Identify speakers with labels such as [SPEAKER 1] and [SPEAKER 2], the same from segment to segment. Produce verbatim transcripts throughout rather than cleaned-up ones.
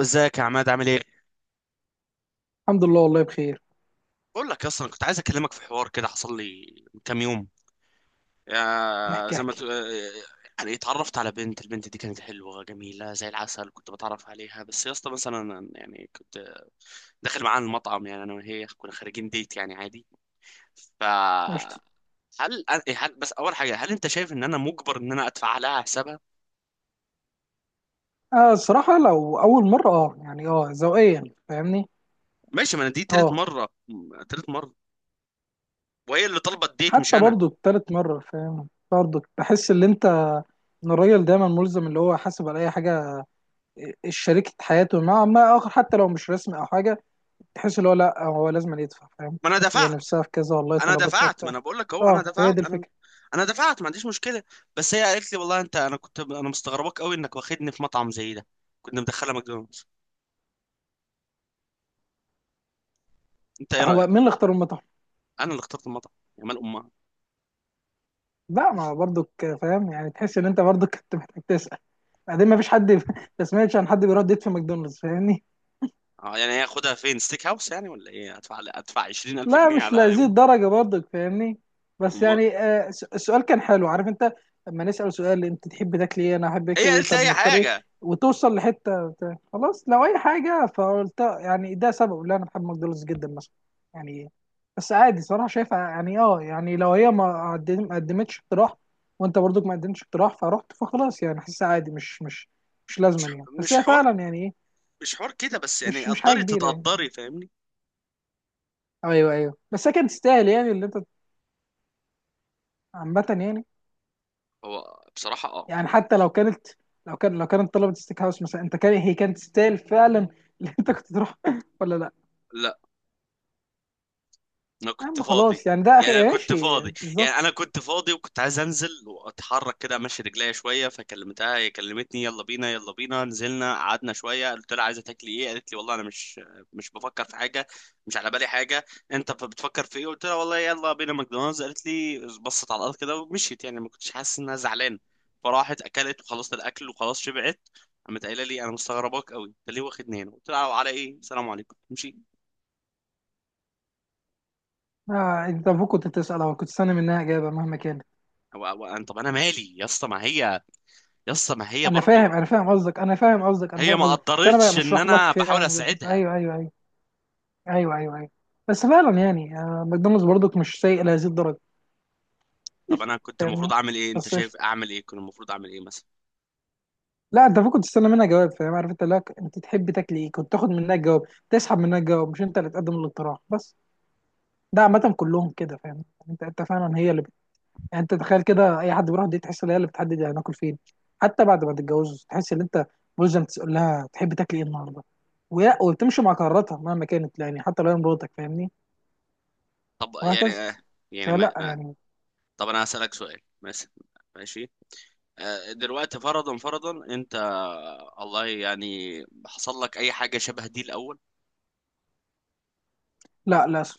[SPEAKER 1] ازيك يا عماد عامل ايه؟
[SPEAKER 2] الحمد لله، والله بخير.
[SPEAKER 1] بقول لك اصلا كنت عايز اكلمك في حوار كده حصل لي من كام يوم يا
[SPEAKER 2] احكي
[SPEAKER 1] زي ما
[SPEAKER 2] احكي.
[SPEAKER 1] تقول آه، يعني اتعرفت على بنت البنت دي كانت حلوة جميلة زي العسل كنت بتعرف عليها بس يا اسطى مثلا أنا يعني كنت داخل معاها المطعم يعني انا وهي كنا خارجين ديت يعني عادي ف
[SPEAKER 2] قشطة.
[SPEAKER 1] هل إيه، هل بس اول حاجة هل انت شايف ان انا مجبر ان انا ادفع لها حسابها؟
[SPEAKER 2] آه الصراحة لو أول مرة، اه يعني اه ذوقيا. فاهمني
[SPEAKER 1] ماشي ما انا دي تالت
[SPEAKER 2] اه
[SPEAKER 1] مرة م- تالت مرة وهي اللي طلبت ديت مش
[SPEAKER 2] حتى
[SPEAKER 1] انا
[SPEAKER 2] برضو تالت مرة، فاهم؟ برضو بحس ان انت، ان الراجل دايما ملزم اللي هو حاسب على اي حاجة، إيه، شريكة حياته مع ما اخر، حتى لو مش رسمي او حاجة. تحس اللي هو لا، هو لازم يدفع، فاهم؟
[SPEAKER 1] ما انا
[SPEAKER 2] هي
[SPEAKER 1] دفعت
[SPEAKER 2] نفسها في كذا، والله
[SPEAKER 1] انا
[SPEAKER 2] طلبتها
[SPEAKER 1] دفعت ما
[SPEAKER 2] بتاع.
[SPEAKER 1] انا بقول لك اهو انا
[SPEAKER 2] اه هي دي
[SPEAKER 1] دفعت انا
[SPEAKER 2] الفكرة.
[SPEAKER 1] انا دفعت ما عنديش مشكله. بس هي قالت لي والله انت انا كنت انا مستغرباك قوي انك واخدني في مطعم زي ده. كنا مدخله ماكدونالدز. انت ايه
[SPEAKER 2] هو
[SPEAKER 1] رايك؟
[SPEAKER 2] مين اللي اختار المطعم؟
[SPEAKER 1] انا اللي اخترت المطعم يا مال امها.
[SPEAKER 2] لا، ما برضك. فاهم يعني؟ تحس ان انت برضك كنت محتاج تسأل. بعدين ما فيش حد ما سمعتش عن حد بيرد يدفع في ماكدونالدز، فاهمني.
[SPEAKER 1] آه، يعني هي خدها فين ستيك هاوس يعني ولا ايه؟ ادفع ادفع 20000
[SPEAKER 2] لا،
[SPEAKER 1] جنيه
[SPEAKER 2] مش
[SPEAKER 1] على
[SPEAKER 2] لهذه
[SPEAKER 1] يوم؟
[SPEAKER 2] الدرجة برضك، فاهمني. بس
[SPEAKER 1] امها.
[SPEAKER 2] يعني آه، س- السؤال كان حلو، عارف انت؟ لما نسأل سؤال، انت تحب تاكل ايه، انا احب
[SPEAKER 1] هي
[SPEAKER 2] اكل ايه،
[SPEAKER 1] قالت لي
[SPEAKER 2] طب
[SPEAKER 1] اي
[SPEAKER 2] نختار ايه.
[SPEAKER 1] حاجه.
[SPEAKER 2] وتوصل لحتة بتاع- خلاص، لو اي حاجة، فقلت يعني ده سبب اللي انا بحب ماكدونالدز جدا مثلا. يعني بس عادي صراحة، شايفها يعني، اه يعني لو هي ما قدم- ما قدمتش اقتراح، وانت برضك ما قدمتش اقتراح، فرحت، فخلاص يعني حاسسها عادي، مش مش مش
[SPEAKER 1] مش
[SPEAKER 2] لازما يعني. بس
[SPEAKER 1] مش
[SPEAKER 2] هي
[SPEAKER 1] حوار،
[SPEAKER 2] فعلا يعني ايه،
[SPEAKER 1] مش حوار كده بس يعني
[SPEAKER 2] مش مش حاجة
[SPEAKER 1] قدري
[SPEAKER 2] كبيرة يعني.
[SPEAKER 1] تتقدري فاهمني.
[SPEAKER 2] ايوه ايوه، بس هي كانت تستاهل يعني اللي انت، عامة يعني.
[SPEAKER 1] هو بصراحه اه
[SPEAKER 2] يعني حتى لو كانت، لو كان لو كانت طلبت ستيك هاوس مثلا، انت كان هي كانت تستاهل فعلا، اللي انت كنت تروح ولا لا.
[SPEAKER 1] انا
[SPEAKER 2] يا
[SPEAKER 1] كنت
[SPEAKER 2] عم
[SPEAKER 1] فاضي.
[SPEAKER 2] خلاص يعني، ده اخي
[SPEAKER 1] يعني انا كنت
[SPEAKER 2] ماشي
[SPEAKER 1] فاضي. يعني
[SPEAKER 2] بالظبط.
[SPEAKER 1] انا كنت فاضي وكنت عايز انزل واتحرك كده امشي رجليا شويه فكلمتها هي كلمتني يلا بينا يلا بينا نزلنا قعدنا شويه قلت لها عايزه تاكلي ايه؟ قالت لي والله انا مش مش بفكر في حاجه، مش على بالي حاجه. انت ف- بتفكر في ايه؟ قلت لها والله يلا بينا ماكدونالدز. قالت لي بصت على الارض كده ومشيت يعني ما كنتش حاسس انها زعلانه. فراحت اكلت وخلصت الاكل وخلاص شبعت. قامت قايله لي انا مستغرباك قوي انت ليه واخدني هنا؟ قلت لها على ايه؟ السلام عليكم امشي.
[SPEAKER 2] آه انت المفروض كنت تسال، او كنت تستنى منها اجابه مهما كان.
[SPEAKER 1] هو- هو أنا- طب انا مالي يا اسطى؟ ما هي يسطا ما هي
[SPEAKER 2] انا
[SPEAKER 1] برضو.
[SPEAKER 2] فاهم، انا فاهم قصدك، انا فاهم قصدك، انا
[SPEAKER 1] هي
[SPEAKER 2] فاهم
[SPEAKER 1] ما
[SPEAKER 2] قصدك، بس انا بقى
[SPEAKER 1] قدرتش ان
[SPEAKER 2] بشرح لك
[SPEAKER 1] انا
[SPEAKER 2] فيها.
[SPEAKER 1] بحاول اساعدها.
[SPEAKER 2] ايوه ايوه ايوه، ايوه ايوه، أيوة. بس فعلا يعني، آه ماكدونالدز برضك مش سيء لهذه الدرجه،
[SPEAKER 1] طب انا كنت المفروض
[SPEAKER 2] فاهمني.
[SPEAKER 1] اعمل ايه؟ انت
[SPEAKER 2] بس
[SPEAKER 1] شايف
[SPEAKER 2] قشطة.
[SPEAKER 1] اعمل ايه؟ كنت المفروض اعمل ايه مثلا؟
[SPEAKER 2] لا انت المفروض تستنى منها جواب، فاهم؟ عارف انت؟ لا، انت تحب تاكل ايه، كنت تاخد منها الجواب، تسحب منها الجواب، مش انت اللي تقدم الاقتراح بس. ده عامة كلهم كده، فاهم؟ يعني انت انت فعلا هي اللي بت... يعني انت تخيل كده، اي حد بيروح دي تحس ان هي اللي بتحدد هناكل فين. حتى بعد ما تتجوزوا تحس ان انت ملزم تقول لها تحب تاكل ايه النهارده، ويا وبتمشي مع قراراتها مهما كانت، يعني حتى لو هي مراتك، فاهمني.
[SPEAKER 1] طب يعني
[SPEAKER 2] وهكذا.
[SPEAKER 1] آه، يعني ما
[SPEAKER 2] فلا
[SPEAKER 1] ما-
[SPEAKER 2] يعني.
[SPEAKER 1] طب انا هسألك سؤال مثلا. ماشي. آه، دلوقتي فرضا فرضا انت الله يعني حصل لك اي حاجة شبه دي الاول؟
[SPEAKER 2] لا للاسف.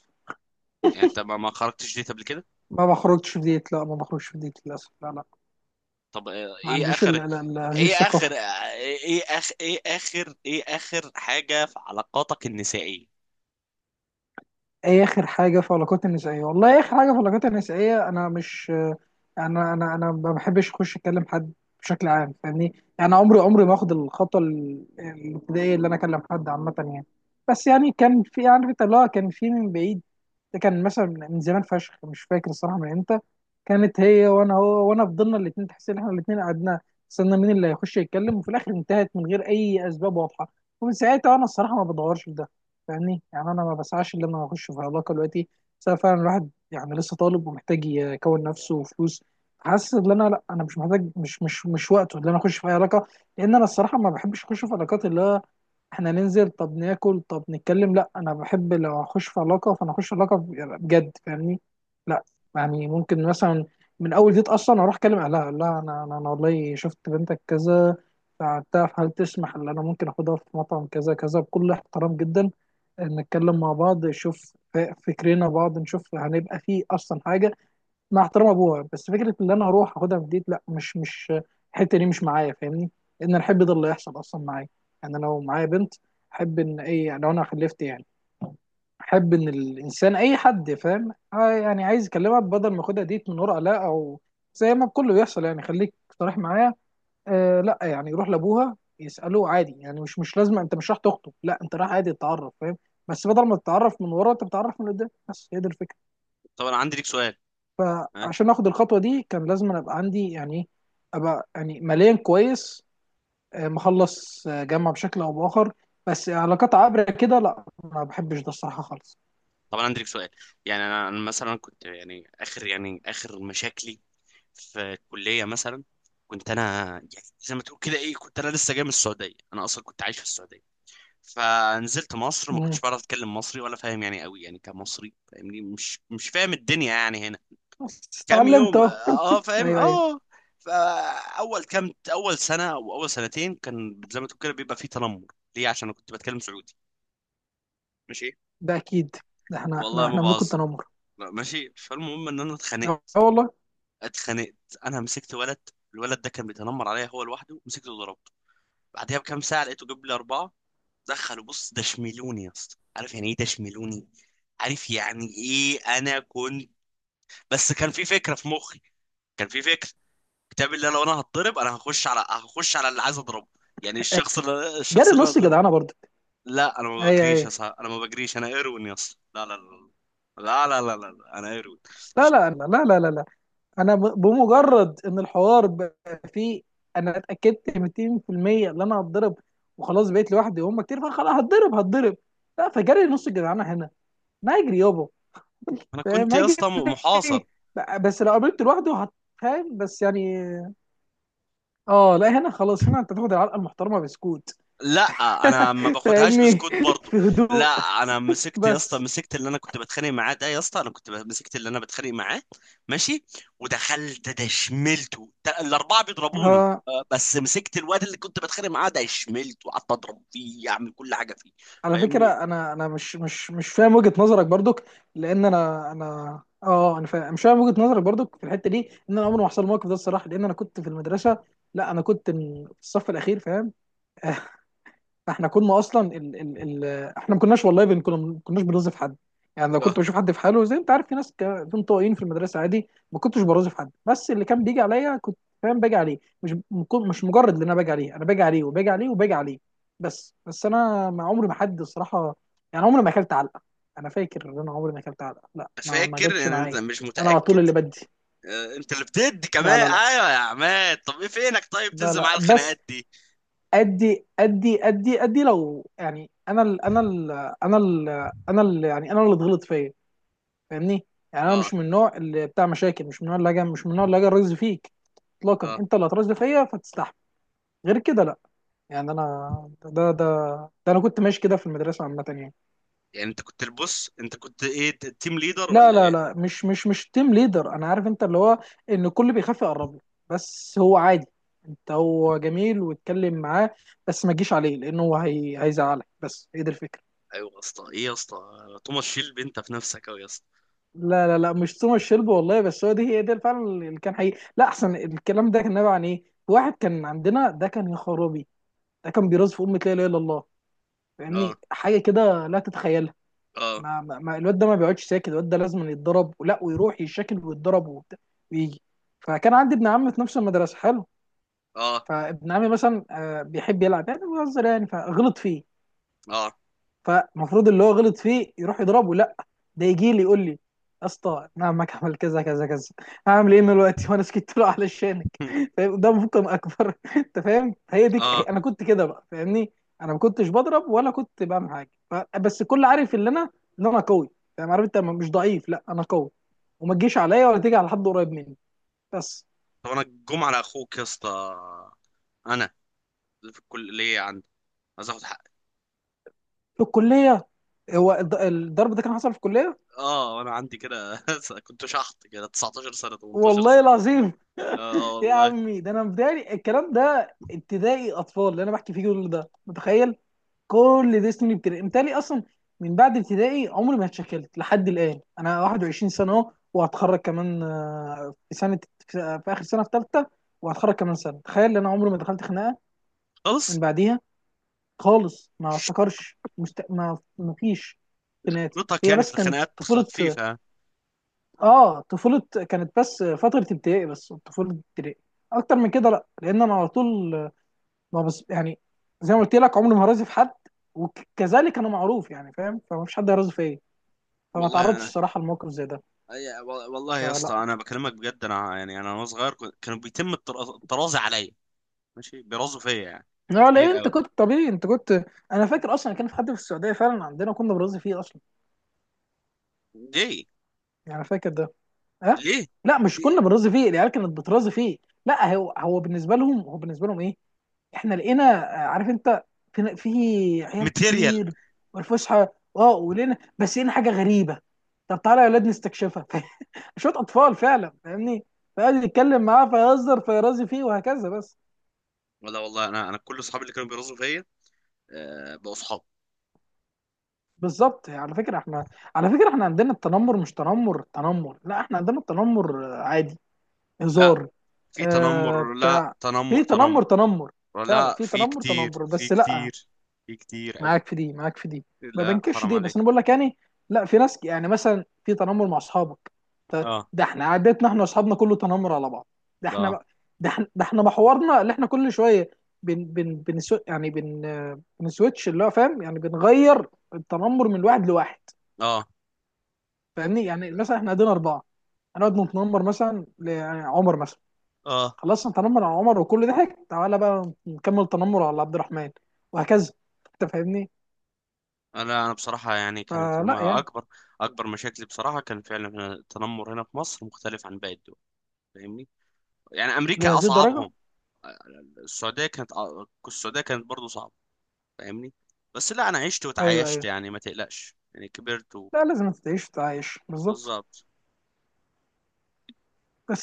[SPEAKER 1] يعني انت ما ما خرجتش ديت قبل كده؟
[SPEAKER 2] ما بخرجش في ديت، لا ما بخرجش في ديت للاسف، لا لا.
[SPEAKER 1] طب آه،
[SPEAKER 2] ما
[SPEAKER 1] ايه
[SPEAKER 2] عنديش ال...
[SPEAKER 1] اخر؟
[SPEAKER 2] ال... ال... هذه
[SPEAKER 1] ايه اخر
[SPEAKER 2] الثقافة.
[SPEAKER 1] آه، ايه اخر ايه اخر ايه اخر حاجة في علاقاتك النسائية؟
[SPEAKER 2] ايه اخر حاجه في العلاقات النسائيه؟ والله
[SPEAKER 1] آه،
[SPEAKER 2] اخر حاجه في العلاقات النسائيه انا مش، انا انا انا ما بحبش اخش اكلم حد بشكل عام، فاهمني. يعني عمري عمري ما اخد الخطوه ال- الابتدائيه، اللي انا اكلم حد عامه يعني. بس يعني كان في، يعني عارف انت اللي هو، كان في من بعيد. ده كان مثلا من زمان فشخ، مش فاكر الصراحه من امتى. كانت هي وانا، هو وانا، فضلنا الاثنين تحس ان احنا الاثنين قعدنا استنى مين اللي هيخش يتكلم، وفي الاخر انتهت من غير اي اسباب واضحه. ومن ساعتها انا الصراحه ما بدورش في ده، فاهمني. يعني انا ما بسعاش ان انا اخش في علاقه دلوقتي. بس أنا فعلا الواحد يعني لسه طالب ومحتاج يكون نفسه وفلوس، حاسس ان انا لا، انا مش محتاج، مش مش مش وقته ان انا اخش في اي علاقه. لان انا الصراحه ما بحبش اخش في علاقات اللي هو احنا ننزل طب ناكل طب نتكلم، لا انا بحب لو اخش في علاقه، فانا اخش في علاقه بجد، فاهمني. لا يعني ممكن مثلا من اول ديت اصلا اروح اكلم اهلها، اقول لها انا انا أنا والله شفت بنتك كذا فبتاع، هل تسمح ان انا ممكن اخدها في مطعم كذا كذا بكل احترام جدا، نتكلم مع بعض، نشوف ف- فكرنا بعض، نشوف هنبقى فيه اصلا حاجه، مع احترام ابوها. بس فكره ان انا هروح اخدها في ديت لا، مش مش الحته دي مش معايا، فاهمني. ان الحب ده اللي يحصل اصلا معايا، يعني أنا لو معايا بنت، احب ان اي لو انا خلفت يعني، احب ان الانسان اي حد فاهم آه يعني عايز يكلمها، بدل ما اخدها ديت من ورا لا، او زي ما كله بيحصل يعني، خليك صريح معايا. آه لا يعني يروح لابوها يساله عادي يعني مش مش لازم، انت مش راح تخطب، لا انت رايح عادي تتعرف، فاهم. بس بدل ما تتعرف من ورا، انت بتتعرف من قدام، بس هي دي الفكره.
[SPEAKER 1] طب انا عندي ليك سؤال. آه،
[SPEAKER 2] فعشان اخد الخطوه دي كان لازم أنا ابقى عندي يعني إيه، ابقى يعني ماليا كويس، آه، مخلص آه، جامعه بشكل او باخر. بس علاقات عابره كده لا، ما بحبش ده الصراحه خالص.
[SPEAKER 1] طب انا عندي لك سؤال. يعني انا أنا مثلا كنت يعني اخر يعني اخر مشاكلي في الكليه مثلا. كنت انا يعني زي ما تقول كده ايه كنت انا لسه جاي من السعوديه. انا اصلا كنت عايش في السعوديه فنزلت مصر ما كنتش
[SPEAKER 2] مم.
[SPEAKER 1] بعرف اتكلم مصري ولا فاهم يعني قوي يعني كمصري فاهمني، مش مش فاهم الدنيا يعني هنا.
[SPEAKER 2] بس
[SPEAKER 1] كام
[SPEAKER 2] اتعلمت
[SPEAKER 1] يوم
[SPEAKER 2] اهو
[SPEAKER 1] اه فاهم
[SPEAKER 2] ايوه ايوه،
[SPEAKER 1] اه. فاول كام اول سنه او اول سنتين كان زي ما تقول كده بيبقى فيه تنمر. ليه؟ عشان انا كنت بتكلم سعودي. ماشي.
[SPEAKER 2] ده اكيد. ده احنا
[SPEAKER 1] والله
[SPEAKER 2] احنا
[SPEAKER 1] ما
[SPEAKER 2] احنا ملوك
[SPEAKER 1] بهزر.
[SPEAKER 2] التنمر.
[SPEAKER 1] لا، ماشي. فالمهم ان انا
[SPEAKER 2] اه
[SPEAKER 1] اتخانقت.
[SPEAKER 2] والله.
[SPEAKER 1] اتخانقت. انا مسكت ولد. الولد ده كان بيتنمر عليا هو لوحده مسكته وضربته. بعدها بكام ساعه لقيته جاب لي اربعه. دخلوا بص دشملوني يا اسطى. عارف يعني ايه دشملوني؟ عارف يعني ايه؟ انا كنت، بس كان في فكره في مخي، كان في فكره كتاب اللي لو انا هتضرب انا هخش على هخش على اللي عايز اضربه. يعني الشخص اللي
[SPEAKER 2] جري
[SPEAKER 1] الشخص اللي انا
[SPEAKER 2] نص
[SPEAKER 1] ضرب.
[SPEAKER 2] جدعانه برضه.
[SPEAKER 1] لا انا ما
[SPEAKER 2] ايوه
[SPEAKER 1] بجريش يا
[SPEAKER 2] ايوه،
[SPEAKER 1] صاحبي انا ما بجريش انا ايروين يا اسطى لا لا لا لا لا لا لا لا، انا ايروين.
[SPEAKER 2] لا لا لا لا لا لا. انا ب- بمجرد ان الحوار بقى فيه، انا اتاكدت ميتين في المية ان انا هتضرب، وخلاص بقيت لوحدي وهم كتير، فخلاص هتضرب هتضرب. لا فجري نص الجدعانه هنا. ما اجري يابا،
[SPEAKER 1] انا
[SPEAKER 2] فاهم.
[SPEAKER 1] كنت
[SPEAKER 2] ما
[SPEAKER 1] يا
[SPEAKER 2] اجري.
[SPEAKER 1] اسطى محاصر.
[SPEAKER 2] إيه؟ ب- بس لو قابلت لوحده هت- فاهم بس يعني. اه لا، هنا خلاص، هنا انت تاخد العلقه المحترمه بسكوت
[SPEAKER 1] لا انا ما باخدهاش
[SPEAKER 2] فاهمني،
[SPEAKER 1] بسكوت برضو.
[SPEAKER 2] في
[SPEAKER 1] لا
[SPEAKER 2] هدوء.
[SPEAKER 1] انا مسكت يا اسطى
[SPEAKER 2] بس
[SPEAKER 1] مسكت اللي انا كنت بتخانق معاه ده يا اسطى انا كنت ب- مسكت اللي انا بتخانق معاه. ماشي. ودخلت ده شملته ده الاربعه بيضربوني
[SPEAKER 2] ها.
[SPEAKER 1] آه، بس مسكت الواد اللي كنت بتخانق معاه ده شملته وقعدت اضرب فيه اعمل كل حاجه فيه.
[SPEAKER 2] على فكرة
[SPEAKER 1] فاهمني.
[SPEAKER 2] انا انا مش مش مش فاهم وجهة نظرك برضك. لان انا انا اه انا فاهم، مش فاهم وجهة نظرك برضك في الحتة دي. ان انا عمري ما حصل الموقف ده الصراحة، لان انا كنت في المدرسة، لا انا كنت في الصف الاخير، فاهم. فاحنا كنا اصلا ال ال ال احنا ما كناش، والله بن كنا، ما كناش بنرازف حد. يعني لو
[SPEAKER 1] آه،
[SPEAKER 2] كنت بشوف حد في حاله زي انت عارف، في ناس ك- في انطوائيين في المدرسه عادي ما كنتش برازف حد. بس اللي كان بيجي عليا كنت فاهم باجي عليه، مش مكون- مش مجرد ان انا باجي عليه، انا باجي عليه وباجي عليه وباجي عليه. بس بس انا ما عمري ما حد الصراحه، يعني عمري ما اكلت علقه. انا فاكر ان انا عمري ما اكلت علقه، لا ما ما
[SPEAKER 1] فاكر
[SPEAKER 2] جاتش
[SPEAKER 1] ان انت
[SPEAKER 2] معايا.
[SPEAKER 1] مش
[SPEAKER 2] انا على طول
[SPEAKER 1] متاكد.
[SPEAKER 2] اللي بدي.
[SPEAKER 1] آه، انت اللي بتدي
[SPEAKER 2] لا
[SPEAKER 1] كمان
[SPEAKER 2] لا لا
[SPEAKER 1] ايوه يا عماد. طب ايه فينك طيب
[SPEAKER 2] لا
[SPEAKER 1] تنزل
[SPEAKER 2] لا،
[SPEAKER 1] معايا
[SPEAKER 2] بس
[SPEAKER 1] الخناقات دي؟
[SPEAKER 2] ادي ادي ادي ادي، لو يعني انا ال، انا ال انا ال، انا ال يعني انا اللي اتغلط فيا، فاهمني. يعني انا
[SPEAKER 1] اه
[SPEAKER 2] مش من النوع اللي بتاع مشاكل، مش من النوع اللي هاجي، مش من النوع اللي هاجي الرز فيك اطلاقا،
[SPEAKER 1] اه.
[SPEAKER 2] انت اللي هترز فيا فتستحمل، غير كده لا. يعني انا ده ده ده انا كنت ماشي كده في المدرسه عامه يعني.
[SPEAKER 1] يعني انت كنت البص انت كنت ايه ت- تيم ليدر
[SPEAKER 2] لا
[SPEAKER 1] ولا
[SPEAKER 2] لا
[SPEAKER 1] ايه؟
[SPEAKER 2] لا، مش مش مش تيم ليدر، انا عارف انت اللي هو ان الكل بيخاف يقرب له، بس هو عادي، انت هو جميل واتكلم معاه، بس ما تجيش عليه لانه هو هي... هيزعلك، بس هي دي الفكره.
[SPEAKER 1] ايوه يا اسطى ايه يا اسطى. توماس شيلب انت في نفسك اوي يا اسطى.
[SPEAKER 2] لا لا لا، مش توماس شيلبي والله، بس هو دي هي ده فعلا اللي كان حقيقي. لا احسن، الكلام ده كان نابع عن ايه؟ واحد كان عندنا ده كان يا خرابي، ده كان بيرز في امة لا اله الا الله،
[SPEAKER 1] اه
[SPEAKER 2] فاهمني حاجه كده لا تتخيلها.
[SPEAKER 1] اه
[SPEAKER 2] ما, ما ما- الواد ده ما بيقعدش ساكت، الواد ده لازم يتضرب، ولا ويروح يشكل ويتضرب وبتاع ويجي. فكان عندي ابن عم في نفس المدرسه حلو،
[SPEAKER 1] اه
[SPEAKER 2] فابن عمي مثلا آه، بيحب يلعب يعني، بيهزر يعني فغلط فيه،
[SPEAKER 1] اه
[SPEAKER 2] فالمفروض اللي هو غلط فيه يروح يضربه، لا ده يجي لي يقول لي، يا اسطى انا عمك عمل كذا كذا كذا، هعمل ايه دلوقتي؟ وانا سكت له علشانك. فاهم؟ ده ممكن اكبر. انت فاهم؟ هي دي ك- هي-
[SPEAKER 1] اه.
[SPEAKER 2] انا كنت كده بقى، فاهمني. انا ما كنتش بضرب ولا كنت بعمل حاجه ف- بس الكل عارف ان انا، ان انا قوي، فاهم. عارف انت مش ضعيف، لا انا قوي، وما تجيش عليا ولا تيجي على حد قريب مني، بس.
[SPEAKER 1] طب انا الجمعه على اخوك يا اسطى. انا في الكليه عندي عايز اخد حقي.
[SPEAKER 2] في الكليه، هو الض- الضرب ده كان حصل في الكليه.
[SPEAKER 1] اه انا عندي كده كنت شحط كده تسعتاشر سنه تمنتاشر
[SPEAKER 2] والله
[SPEAKER 1] سنه.
[SPEAKER 2] العظيم.
[SPEAKER 1] اه آه
[SPEAKER 2] يا
[SPEAKER 1] والله.
[SPEAKER 2] عمي، ده انا بداية الكلام ده ابتدائي اطفال اللي انا بحكي فيه، كل ده متخيل. كل ده سنين ابتدائي امتالي اصلا. من بعد ابتدائي عمري ما اتشكلت لحد الان، انا واحد وعشرين سنه اهو، وهتخرج كمان آه، في سنه، في في اخر سنه، في ثالثه، وهتخرج كمان سنه. تخيل ان انا عمري ما دخلت خناقه
[SPEAKER 1] خلاص.
[SPEAKER 2] من بعديها خالص. ما افتكرش مست... ما ما فيش خناقات.
[SPEAKER 1] خبرتك
[SPEAKER 2] هي
[SPEAKER 1] يعني في
[SPEAKER 2] بس كانت
[SPEAKER 1] الخناقات
[SPEAKER 2] طفوله،
[SPEAKER 1] خفيفه يعني.
[SPEAKER 2] اه طفوله، كانت بس فتره ابتدائي، بس طفوله ابتدائي. اكتر من كده لا، لان انا على طول، ما بس يعني، زي ما قلت لك، عمري ما هرازي في حد، وكذلك انا معروف يعني، فاهم. فمفيش حد هيرازي فيا، فما
[SPEAKER 1] والله
[SPEAKER 2] تعرضتش
[SPEAKER 1] انا
[SPEAKER 2] الصراحه لموقف زي ده.
[SPEAKER 1] أي- وال- والله يا
[SPEAKER 2] فلا،
[SPEAKER 1] اسطى انا بكلمك بجد. انا يعني انا وانا صغير كنت- كانوا بيتم الطراز- الطرازه عليا. ماشي بيرازوا فيا يعني
[SPEAKER 2] لا ليه،
[SPEAKER 1] كتير
[SPEAKER 2] انت
[SPEAKER 1] قوي.
[SPEAKER 2] كنت طبيعي انت كنت. انا فاكر اصلا كان في حد في السعوديه فعلا عندنا، كنا بنرازي فيه اصلا،
[SPEAKER 1] ليه؟
[SPEAKER 2] يعني فاكر ده. ها.
[SPEAKER 1] ليه؟
[SPEAKER 2] لا، مش كنا
[SPEAKER 1] ليه؟
[SPEAKER 2] بنرازي فيه، العيال كانت بترازي فيه. لا هو، هو بالنسبه لهم هو بالنسبه لهم ايه، احنا لقينا آه، عارف انت، في في عيال
[SPEAKER 1] ماتيريال.
[SPEAKER 2] كتير والفسحه، اه ولقينا، بس لقينا حاجه غريبه، طب تعالى يا اولاد نستكشفها. شوط اطفال فعلا فاهمني. فقعد يتكلم معاه فيهزر فيرازي فيه وهكذا بس.
[SPEAKER 1] لا والله انا انا كل اصحابي اللي كانوا بيرزوا فيا آه، بقوا اصحاب.
[SPEAKER 2] بالظبط يعني، على فكره احنا، على فكره احنا عندنا التنمر مش تنمر تنمر، لا احنا عندنا التنمر آه، عادي،
[SPEAKER 1] لا
[SPEAKER 2] هزار.
[SPEAKER 1] في
[SPEAKER 2] آه
[SPEAKER 1] تنمر، لا
[SPEAKER 2] بتاع،
[SPEAKER 1] تنمر
[SPEAKER 2] في تنمر
[SPEAKER 1] تنمر.
[SPEAKER 2] تنمر. فعلا
[SPEAKER 1] لا
[SPEAKER 2] في
[SPEAKER 1] في
[SPEAKER 2] تنمر
[SPEAKER 1] كتير،
[SPEAKER 2] تنمر،
[SPEAKER 1] في
[SPEAKER 2] بس لا،
[SPEAKER 1] كتير، في كتير قوي.
[SPEAKER 2] معاك في دي، معاك في دي، ما
[SPEAKER 1] لا
[SPEAKER 2] بنكرش
[SPEAKER 1] حرام
[SPEAKER 2] دي، بس
[SPEAKER 1] عليك.
[SPEAKER 2] انا بقول لك يعني، لا في ناس يعني مثلا في تنمر مع اصحابك. ط-
[SPEAKER 1] اه
[SPEAKER 2] ده احنا عادتنا، احنا واصحابنا كله تنمر على بعض. ده
[SPEAKER 1] اه
[SPEAKER 2] احنا، ده احنا ده احنا محورنا اللي احنا كل شويه بن بن بن يعني بن آه، بنسويتش اللي هو فاهم، يعني بنغير التنمر من واحد لواحد،
[SPEAKER 1] اه
[SPEAKER 2] فاهمني. يعني مثلا احنا قاعدين اربعه، هنقعد نتنمر مثلا ل- يعني عمر مثلا،
[SPEAKER 1] اه.
[SPEAKER 2] خلصنا نتنمر على عمر، وكل ضحك، تعالى بقى نكمل تنمر على عبد الرحمن، وهكذا انت فاهمني.
[SPEAKER 1] انا انا بصراحه يعني كانت
[SPEAKER 2] فلا
[SPEAKER 1] ما
[SPEAKER 2] يعني،
[SPEAKER 1] اكبر، اكبر مشاكلي بصراحه كان فعلا هنا التنمر. هنا في مصر مختلف عن باقي الدول فاهمني. يعني امريكا
[SPEAKER 2] لهذه الدرجه.
[SPEAKER 1] اصعبهم. السعوديه كانت، السعوديه كانت برضو صعبه فاهمني. بس لا انا عشت
[SPEAKER 2] ايوه
[SPEAKER 1] وتعايشت
[SPEAKER 2] ايوه،
[SPEAKER 1] يعني ما تقلقش يعني كبرت.
[SPEAKER 2] لا لازم تعيش تعيش بالظبط.
[SPEAKER 1] بالظبط.